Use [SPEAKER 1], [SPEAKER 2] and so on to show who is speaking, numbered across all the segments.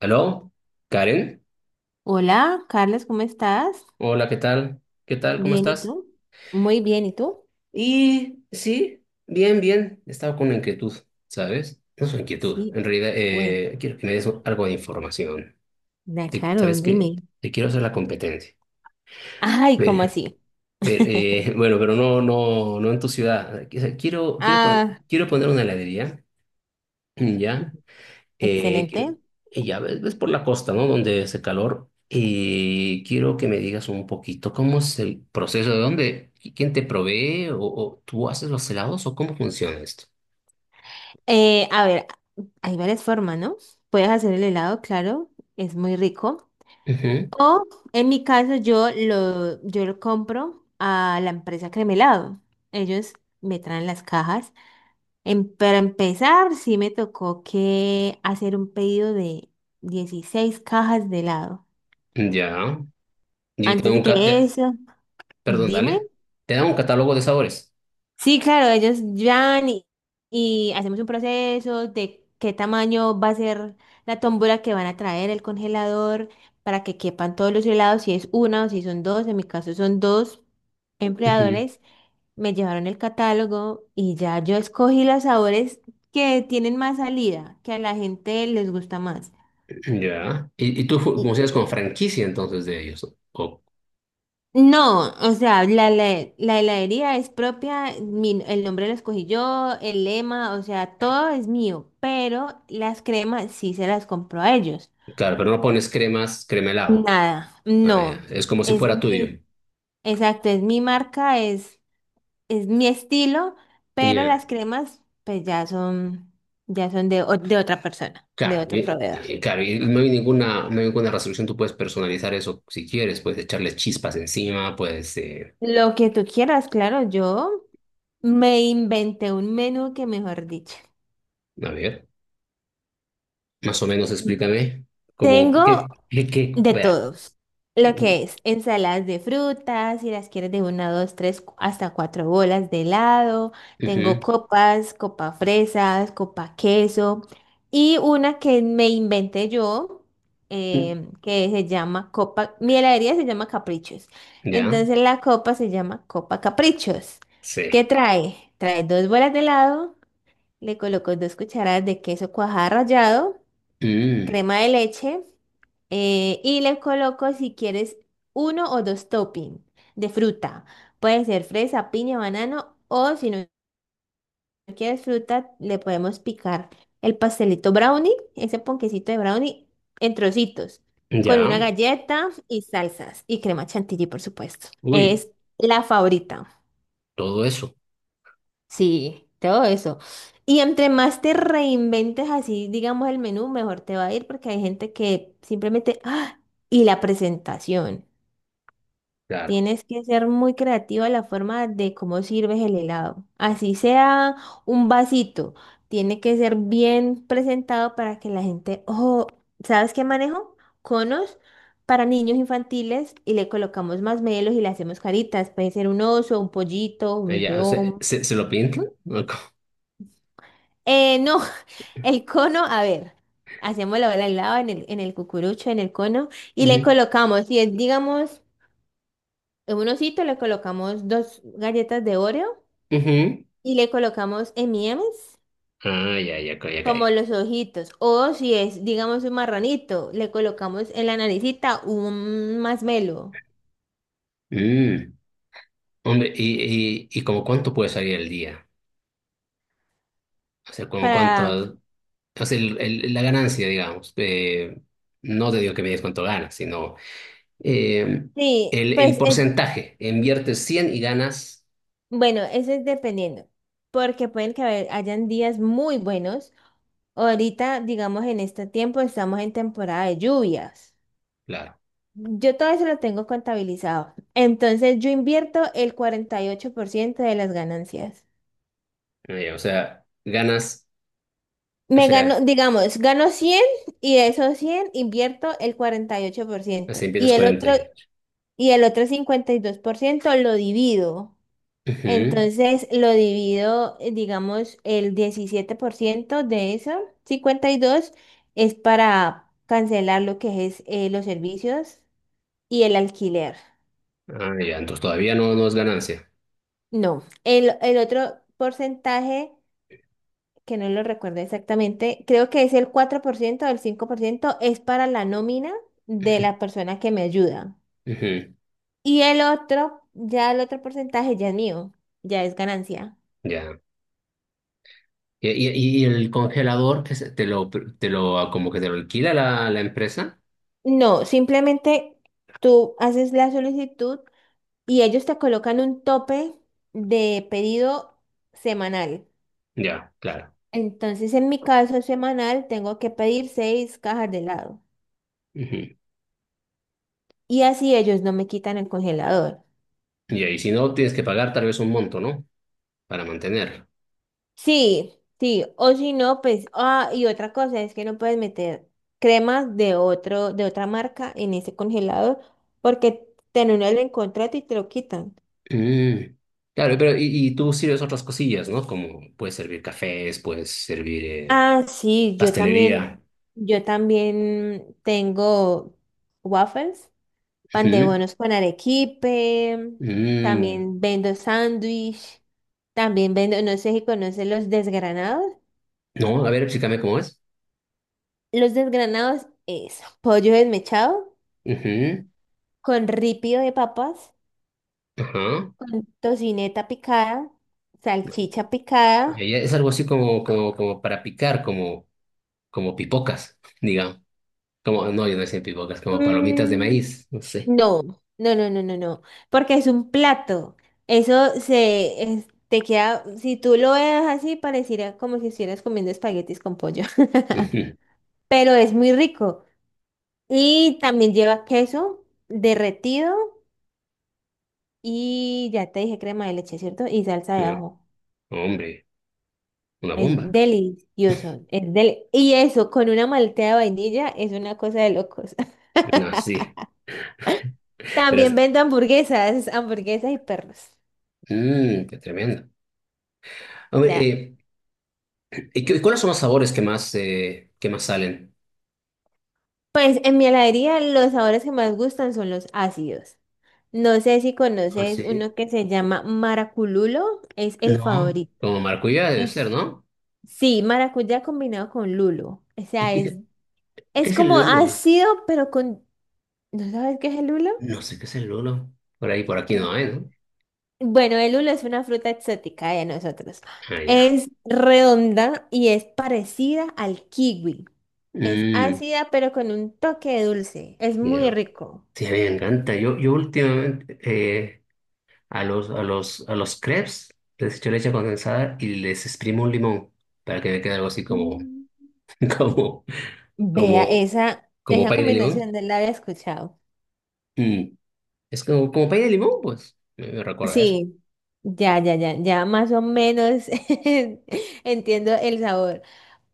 [SPEAKER 1] ¿Aló? ¿Karen?
[SPEAKER 2] Hola, Carlos, ¿cómo estás?
[SPEAKER 1] Hola, ¿qué tal? ¿Qué tal? ¿Cómo
[SPEAKER 2] Bien, ¿y
[SPEAKER 1] estás?
[SPEAKER 2] tú? Muy bien, ¿y tú?
[SPEAKER 1] Y sí, bien, bien. He estado con una inquietud, ¿sabes? No es una inquietud.
[SPEAKER 2] Sí,
[SPEAKER 1] En realidad,
[SPEAKER 2] güey.
[SPEAKER 1] quiero que me des algo de información.
[SPEAKER 2] Claro,
[SPEAKER 1] ¿Sabes qué?
[SPEAKER 2] dime.
[SPEAKER 1] Te quiero hacer la competencia.
[SPEAKER 2] Ay, ¿cómo
[SPEAKER 1] Ver-
[SPEAKER 2] así?
[SPEAKER 1] bueno, pero no, no, no en tu ciudad.
[SPEAKER 2] Ah,
[SPEAKER 1] Quiero poner una heladería, ¿ya? Eh, quiero-
[SPEAKER 2] excelente.
[SPEAKER 1] y ya ves, ves por la costa, ¿no? Donde hace calor. Y quiero que me digas un poquito cómo es el proceso, de dónde, quién te provee, o tú haces los helados, o cómo funciona esto.
[SPEAKER 2] A ver, hay varias formas, ¿no? Puedes hacer el helado, claro, es muy rico.
[SPEAKER 1] Ujú.
[SPEAKER 2] O en mi caso, yo lo compro a la empresa Cremelado. Ellos me traen las cajas. Para empezar, sí me tocó que hacer un pedido de 16 cajas de helado.
[SPEAKER 1] Ya. Y ahí te da
[SPEAKER 2] Antes de que eso,
[SPEAKER 1] perdón,
[SPEAKER 2] dime.
[SPEAKER 1] dale. Te da un catálogo de sabores.
[SPEAKER 2] Sí, claro, ellos van y hacemos un proceso de qué tamaño va a ser la tómbola que van a traer el congelador para que quepan todos los helados, si es una o si son dos. En mi caso son dos
[SPEAKER 1] Ujú.
[SPEAKER 2] empleadores. Me llevaron el catálogo y ya yo escogí los sabores que tienen más salida, que a la gente les gusta más.
[SPEAKER 1] Ya. Y tú
[SPEAKER 2] Y-
[SPEAKER 1] funcionas con franquicia entonces de ellos, ¿no? O,
[SPEAKER 2] No, o sea, la heladería es propia, el nombre lo escogí yo, el lema, o sea, todo es mío, pero las cremas sí se las compro a ellos.
[SPEAKER 1] claro, pero no pones cremas, crema helado.
[SPEAKER 2] Nada,
[SPEAKER 1] Ah, ya.
[SPEAKER 2] no,
[SPEAKER 1] Es como si
[SPEAKER 2] es
[SPEAKER 1] fuera tuyo.
[SPEAKER 2] mi, exacto, es mi marca, es mi estilo, pero
[SPEAKER 1] Ya.
[SPEAKER 2] las cremas pues ya son de, de otra persona, de
[SPEAKER 1] Claro,
[SPEAKER 2] otro proveedor.
[SPEAKER 1] claro, y no hay ninguna, no hay ninguna resolución, tú puedes personalizar eso si quieres, puedes echarle chispas encima,
[SPEAKER 2] Lo que tú quieras, claro, yo me inventé un menú que mejor dicho.
[SPEAKER 1] a ver, más o menos explícame, como,
[SPEAKER 2] Tengo
[SPEAKER 1] ¿qué?
[SPEAKER 2] de
[SPEAKER 1] Vea.
[SPEAKER 2] todos. Lo
[SPEAKER 1] Ujú.
[SPEAKER 2] que es ensaladas de frutas, si las quieres de una, dos, tres, hasta cuatro bolas de helado. Tengo copas, copa fresas, copa queso. Y una que me inventé yo, que se llama copa, mi heladería se llama Caprichos.
[SPEAKER 1] Ya,
[SPEAKER 2] Entonces la copa se llama Copa Caprichos. ¿Qué
[SPEAKER 1] sí.
[SPEAKER 2] trae? Trae dos bolas de helado, le coloco dos cucharadas de queso cuajada rallado,
[SPEAKER 1] Mm,
[SPEAKER 2] crema de leche, y le coloco si quieres uno o dos toppings de fruta. Puede ser fresa, piña, banano o si no quieres fruta le podemos picar el pastelito brownie, ese ponquecito de brownie en trocitos con
[SPEAKER 1] ya,
[SPEAKER 2] una galleta y salsas y crema chantilly por supuesto.
[SPEAKER 1] uy,
[SPEAKER 2] Es la favorita.
[SPEAKER 1] todo eso,
[SPEAKER 2] Sí, todo eso. Y entre más te reinventes así, digamos, el menú, mejor te va a ir porque hay gente que simplemente, ¡ah! Y la presentación.
[SPEAKER 1] claro.
[SPEAKER 2] Tienes que ser muy creativa en la forma de cómo sirves el helado. Así sea un vasito, tiene que ser bien presentado para que la gente, ojo, ¿sabes qué manejo? Conos para niños infantiles y le colocamos más melos y le hacemos caritas. Puede ser un oso, un pollito, un
[SPEAKER 1] Ya, o sea,
[SPEAKER 2] león.
[SPEAKER 1] ¿se, se lo pintan? ¿O cómo?
[SPEAKER 2] No, el cono, a ver, hacemos la bola al lado en el cucurucho, en el cono, y le
[SPEAKER 1] Ujú.
[SPEAKER 2] colocamos, si es, digamos, en un osito, le colocamos dos galletas de Oreo
[SPEAKER 1] Ujú.
[SPEAKER 2] y le colocamos M&M's
[SPEAKER 1] Ah, ya, ya, ya
[SPEAKER 2] como
[SPEAKER 1] cae.
[SPEAKER 2] los ojitos, o si es, digamos, un marranito, le colocamos en la naricita un masmelo
[SPEAKER 1] Mm, hombre, y como cuánto puede salir al día? O sea, ¿como
[SPEAKER 2] para,
[SPEAKER 1] cuánto? O sea, el- la ganancia, digamos, no te digo que me digas cuánto ganas, sino eh,
[SPEAKER 2] sí,
[SPEAKER 1] el
[SPEAKER 2] pues es.
[SPEAKER 1] porcentaje. Inviertes 100 y ganas,
[SPEAKER 2] Bueno, eso es dependiendo, porque pueden que hayan días muy buenos. Ahorita, digamos, en este tiempo estamos en temporada de lluvias.
[SPEAKER 1] claro,
[SPEAKER 2] Yo todo eso lo tengo contabilizado. Entonces, yo invierto el 48% de las ganancias.
[SPEAKER 1] o sea, ganas, o
[SPEAKER 2] Me
[SPEAKER 1] sea,
[SPEAKER 2] gano, digamos, gano 100 y de esos 100 invierto el cuarenta y ocho por
[SPEAKER 1] así
[SPEAKER 2] ciento
[SPEAKER 1] empiezas
[SPEAKER 2] y el otro,
[SPEAKER 1] 48.
[SPEAKER 2] y el otro 52% lo divido.
[SPEAKER 1] Ujú.
[SPEAKER 2] Entonces lo divido, digamos, el 17% de eso, 52, es para cancelar lo que es los servicios y el alquiler.
[SPEAKER 1] Ah, ya, entonces todavía no, no es ganancia.
[SPEAKER 2] No, el otro porcentaje, que no lo recuerdo exactamente, creo que es el 4% o el 5% es para la nómina de
[SPEAKER 1] Ujú,
[SPEAKER 2] la persona que me ayuda.
[SPEAKER 1] ujú,
[SPEAKER 2] Y el otro, ya el otro porcentaje ya es mío, ya es ganancia.
[SPEAKER 1] ya. ¿Y, y el congelador que te lo, como que te lo alquila la, la empresa?
[SPEAKER 2] No, simplemente tú haces la solicitud y ellos te colocan un tope de pedido semanal.
[SPEAKER 1] Ya, claro.
[SPEAKER 2] Entonces, en mi caso semanal, tengo que pedir 6 cajas de helado.
[SPEAKER 1] Ujú.
[SPEAKER 2] Y así ellos no me quitan el congelador.
[SPEAKER 1] Ya, y si no, tienes que pagar tal vez un monto, ¿no? Para mantenerlo.
[SPEAKER 2] Sí, sí. O si no, pues, ah, y otra cosa es que no puedes meter cremas de otra marca en ese congelador porque te anulan el contrato y te lo quitan.
[SPEAKER 1] Mm. Claro, pero y tú sirves otras cosillas, ¿no? Como puedes servir cafés, puedes servir
[SPEAKER 2] Ah, sí,
[SPEAKER 1] pastelería.
[SPEAKER 2] yo también tengo waffles, pan de
[SPEAKER 1] Ujú.
[SPEAKER 2] bonos con arequipe,
[SPEAKER 1] Mm.
[SPEAKER 2] también vendo sándwich, también vendo, no sé si conoces los desgranados.
[SPEAKER 1] No, a ver, explícame cómo es.
[SPEAKER 2] Los desgranados es pollo desmechado
[SPEAKER 1] Ujú.
[SPEAKER 2] con ripio de papas,
[SPEAKER 1] Ajá.
[SPEAKER 2] con tocineta picada, salchicha picada.
[SPEAKER 1] Ella es algo así como, como, como para picar, como, como pipocas, digamos. Como, no, yo no sé pipocas, como palomitas de
[SPEAKER 2] Mm,
[SPEAKER 1] maíz, no sé.
[SPEAKER 2] no, no, porque es un plato. Eso te queda, si tú lo veas así, pareciera como si estuvieras comiendo espaguetis con pollo.
[SPEAKER 1] Ujú.
[SPEAKER 2] Pero es muy rico. Y también lleva queso derretido y ya te dije crema de leche, ¿cierto? Y salsa de
[SPEAKER 1] No,
[SPEAKER 2] ajo.
[SPEAKER 1] hombre, una
[SPEAKER 2] Es
[SPEAKER 1] bomba.
[SPEAKER 2] delicioso. Es del y eso, con una malteada de vainilla, es una cosa de locos.
[SPEAKER 1] No, sí, pero
[SPEAKER 2] También
[SPEAKER 1] es
[SPEAKER 2] vendo hamburguesas, hamburguesas y perros.
[SPEAKER 1] mm, qué tremendo. Hombre,
[SPEAKER 2] Ya.
[SPEAKER 1] eh, ¿Y cuáles son los sabores que más salen?
[SPEAKER 2] Pues en mi heladería los sabores que más gustan son los ácidos. No sé si
[SPEAKER 1] Ah,
[SPEAKER 2] conoces
[SPEAKER 1] sí.
[SPEAKER 2] uno que se llama maracululo, es el
[SPEAKER 1] No.
[SPEAKER 2] favorito.
[SPEAKER 1] Como maracuyá debe ser,
[SPEAKER 2] Es...
[SPEAKER 1] ¿no?
[SPEAKER 2] Sí, maracuyá combinado con lulo. O
[SPEAKER 1] ¿Y
[SPEAKER 2] sea, es.
[SPEAKER 1] qué, qué
[SPEAKER 2] Es
[SPEAKER 1] es el
[SPEAKER 2] como
[SPEAKER 1] lolo?
[SPEAKER 2] ácido, pero con... ¿No sabes qué es el lulo?
[SPEAKER 1] No sé qué es el lolo. Por ahí, por aquí no
[SPEAKER 2] Eh,
[SPEAKER 1] hay, ¿no?
[SPEAKER 2] Bueno, el lulo es una fruta exótica de nosotros.
[SPEAKER 1] Ah, ya.
[SPEAKER 2] Es redonda y es parecida al kiwi. Es
[SPEAKER 1] Mm,
[SPEAKER 2] ácida, pero con un toque de dulce. Es muy
[SPEAKER 1] ya.
[SPEAKER 2] rico.
[SPEAKER 1] Sí, a mí me encanta. Yo, yo últimamente a los, a los, a los crepes les echo leche condensada y les exprimo un limón para que me quede algo así como,
[SPEAKER 2] Mm.
[SPEAKER 1] como,
[SPEAKER 2] Vea,
[SPEAKER 1] como, como
[SPEAKER 2] esa
[SPEAKER 1] pay de limón.
[SPEAKER 2] combinación no la había escuchado.
[SPEAKER 1] Mm, es como, como pay de limón, pues. Me recuerda a eso.
[SPEAKER 2] Sí, ya más o menos entiendo el sabor.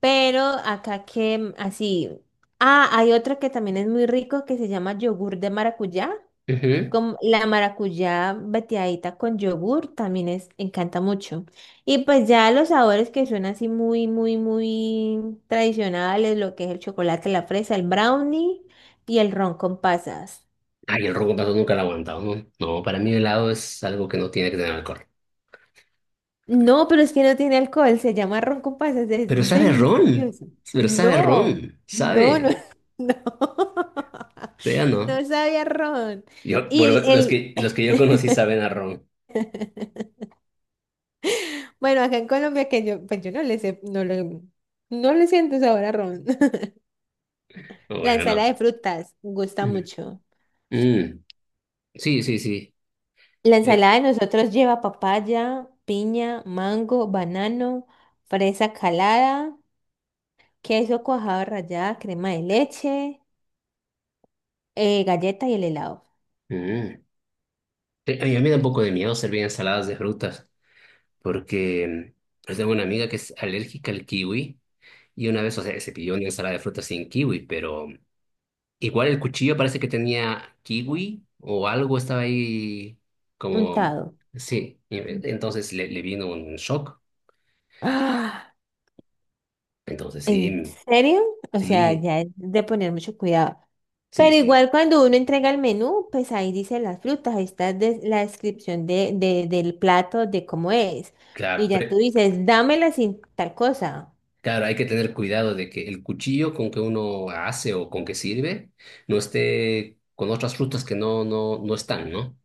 [SPEAKER 2] Pero acá que así. Ah, hay otra que también es muy rico que se llama yogur de maracuyá.
[SPEAKER 1] Ujú.
[SPEAKER 2] Con la maracuyá veteadita con yogur también es, encanta mucho. Y pues ya los sabores que son así muy, muy, muy tradicionales, lo que es el chocolate, la fresa, el brownie y el ron con pasas.
[SPEAKER 1] Ay, el ron con gato nunca lo he aguantado, ¿no? No, para mí el helado es algo que no tiene que tener alcohol.
[SPEAKER 2] No, pero es que no tiene alcohol, se llama ron con pasas, es
[SPEAKER 1] Pero sabe a ron,
[SPEAKER 2] delicioso.
[SPEAKER 1] pero sabe a
[SPEAKER 2] No,
[SPEAKER 1] ron,
[SPEAKER 2] no, no,
[SPEAKER 1] sabe.
[SPEAKER 2] no,
[SPEAKER 1] Ya no.
[SPEAKER 2] no sabía ron.
[SPEAKER 1] Yo,
[SPEAKER 2] Y
[SPEAKER 1] bueno,
[SPEAKER 2] el, el,
[SPEAKER 1] los que yo conocí saben a ron.
[SPEAKER 2] bueno, acá en Colombia que yo, pues yo no le sé, no le, no le siento sabor a ron. La
[SPEAKER 1] Bueno, no.
[SPEAKER 2] ensalada de frutas gusta
[SPEAKER 1] Mm.
[SPEAKER 2] mucho.
[SPEAKER 1] Mm. Sí, sí, sí.
[SPEAKER 2] La
[SPEAKER 1] Eh,
[SPEAKER 2] ensalada de nosotros lleva papaya, piña, mango, banano, fresa calada, queso cuajado rallada, crema de leche. Galleta y el helado.
[SPEAKER 1] mm. Sí, a mí me da un poco de miedo servir ensaladas de frutas, porque yo tengo una amiga que es alérgica al kiwi y una vez, o sea, se pidió una ensalada de frutas sin kiwi, pero igual el cuchillo parece que tenía kiwi o algo estaba ahí como...
[SPEAKER 2] Untado.
[SPEAKER 1] Sí, y entonces le vino un shock.
[SPEAKER 2] ¡Ah!
[SPEAKER 1] Entonces sí,
[SPEAKER 2] ¿En serio? O sea,
[SPEAKER 1] sí,
[SPEAKER 2] ya es de poner mucho cuidado.
[SPEAKER 1] sí,
[SPEAKER 2] Pero
[SPEAKER 1] sí.
[SPEAKER 2] igual cuando uno entrega el menú, pues ahí dice las frutas, ahí está la descripción de, del plato, de cómo es.
[SPEAKER 1] Claro,
[SPEAKER 2] Y ya
[SPEAKER 1] pero-
[SPEAKER 2] tú dices, dámela sin tal cosa.
[SPEAKER 1] claro, hay que tener cuidado de que el cuchillo con que uno hace o con que sirve no esté con otras frutas que no, no, no están, ¿no?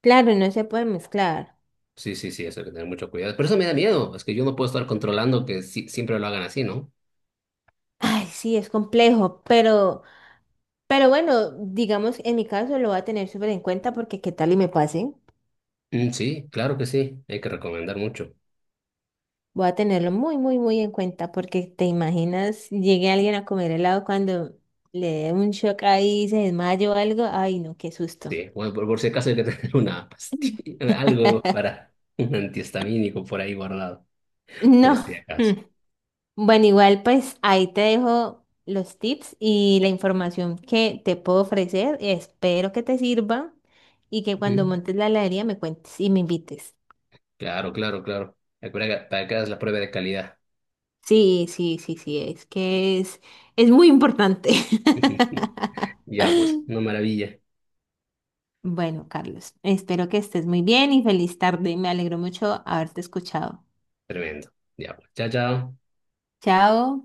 [SPEAKER 2] Claro, no se puede mezclar.
[SPEAKER 1] Sí, sí, sí, eso hay que tener mucho cuidado. Pero eso me da miedo, es que yo no puedo estar controlando que siempre lo hagan así, ¿no?
[SPEAKER 2] Ay, sí, es complejo, pero bueno, digamos, en mi caso lo voy a tener súper en cuenta porque qué tal y me pase.
[SPEAKER 1] Mm, sí, claro que sí, hay que recomendar mucho.
[SPEAKER 2] Voy a tenerlo muy en cuenta porque te imaginas, llegue alguien a comer helado cuando le dé un shock ahí, y se desmaya o algo. Ay, no, qué susto.
[SPEAKER 1] Sí, bueno, por si acaso hay que tener una pastilla, algo para un antihistamínico por ahí guardado, por
[SPEAKER 2] No.
[SPEAKER 1] si acaso.
[SPEAKER 2] Mm. Bueno, igual pues ahí te dejo los tips y la información que te puedo ofrecer. Espero que te sirva y que cuando
[SPEAKER 1] Ujú.
[SPEAKER 2] montes la heladería me cuentes y me invites.
[SPEAKER 1] Claro, claro, claro. Recuerda que para que hagas la prueba de calidad.
[SPEAKER 2] Sí, es que es muy importante.
[SPEAKER 1] Ya, pues, una maravilla.
[SPEAKER 2] Bueno, Carlos, espero que estés muy bien y feliz tarde. Me alegro mucho haberte escuchado.
[SPEAKER 1] Tremendo. Ya, pues. Chao, chao.
[SPEAKER 2] Chao.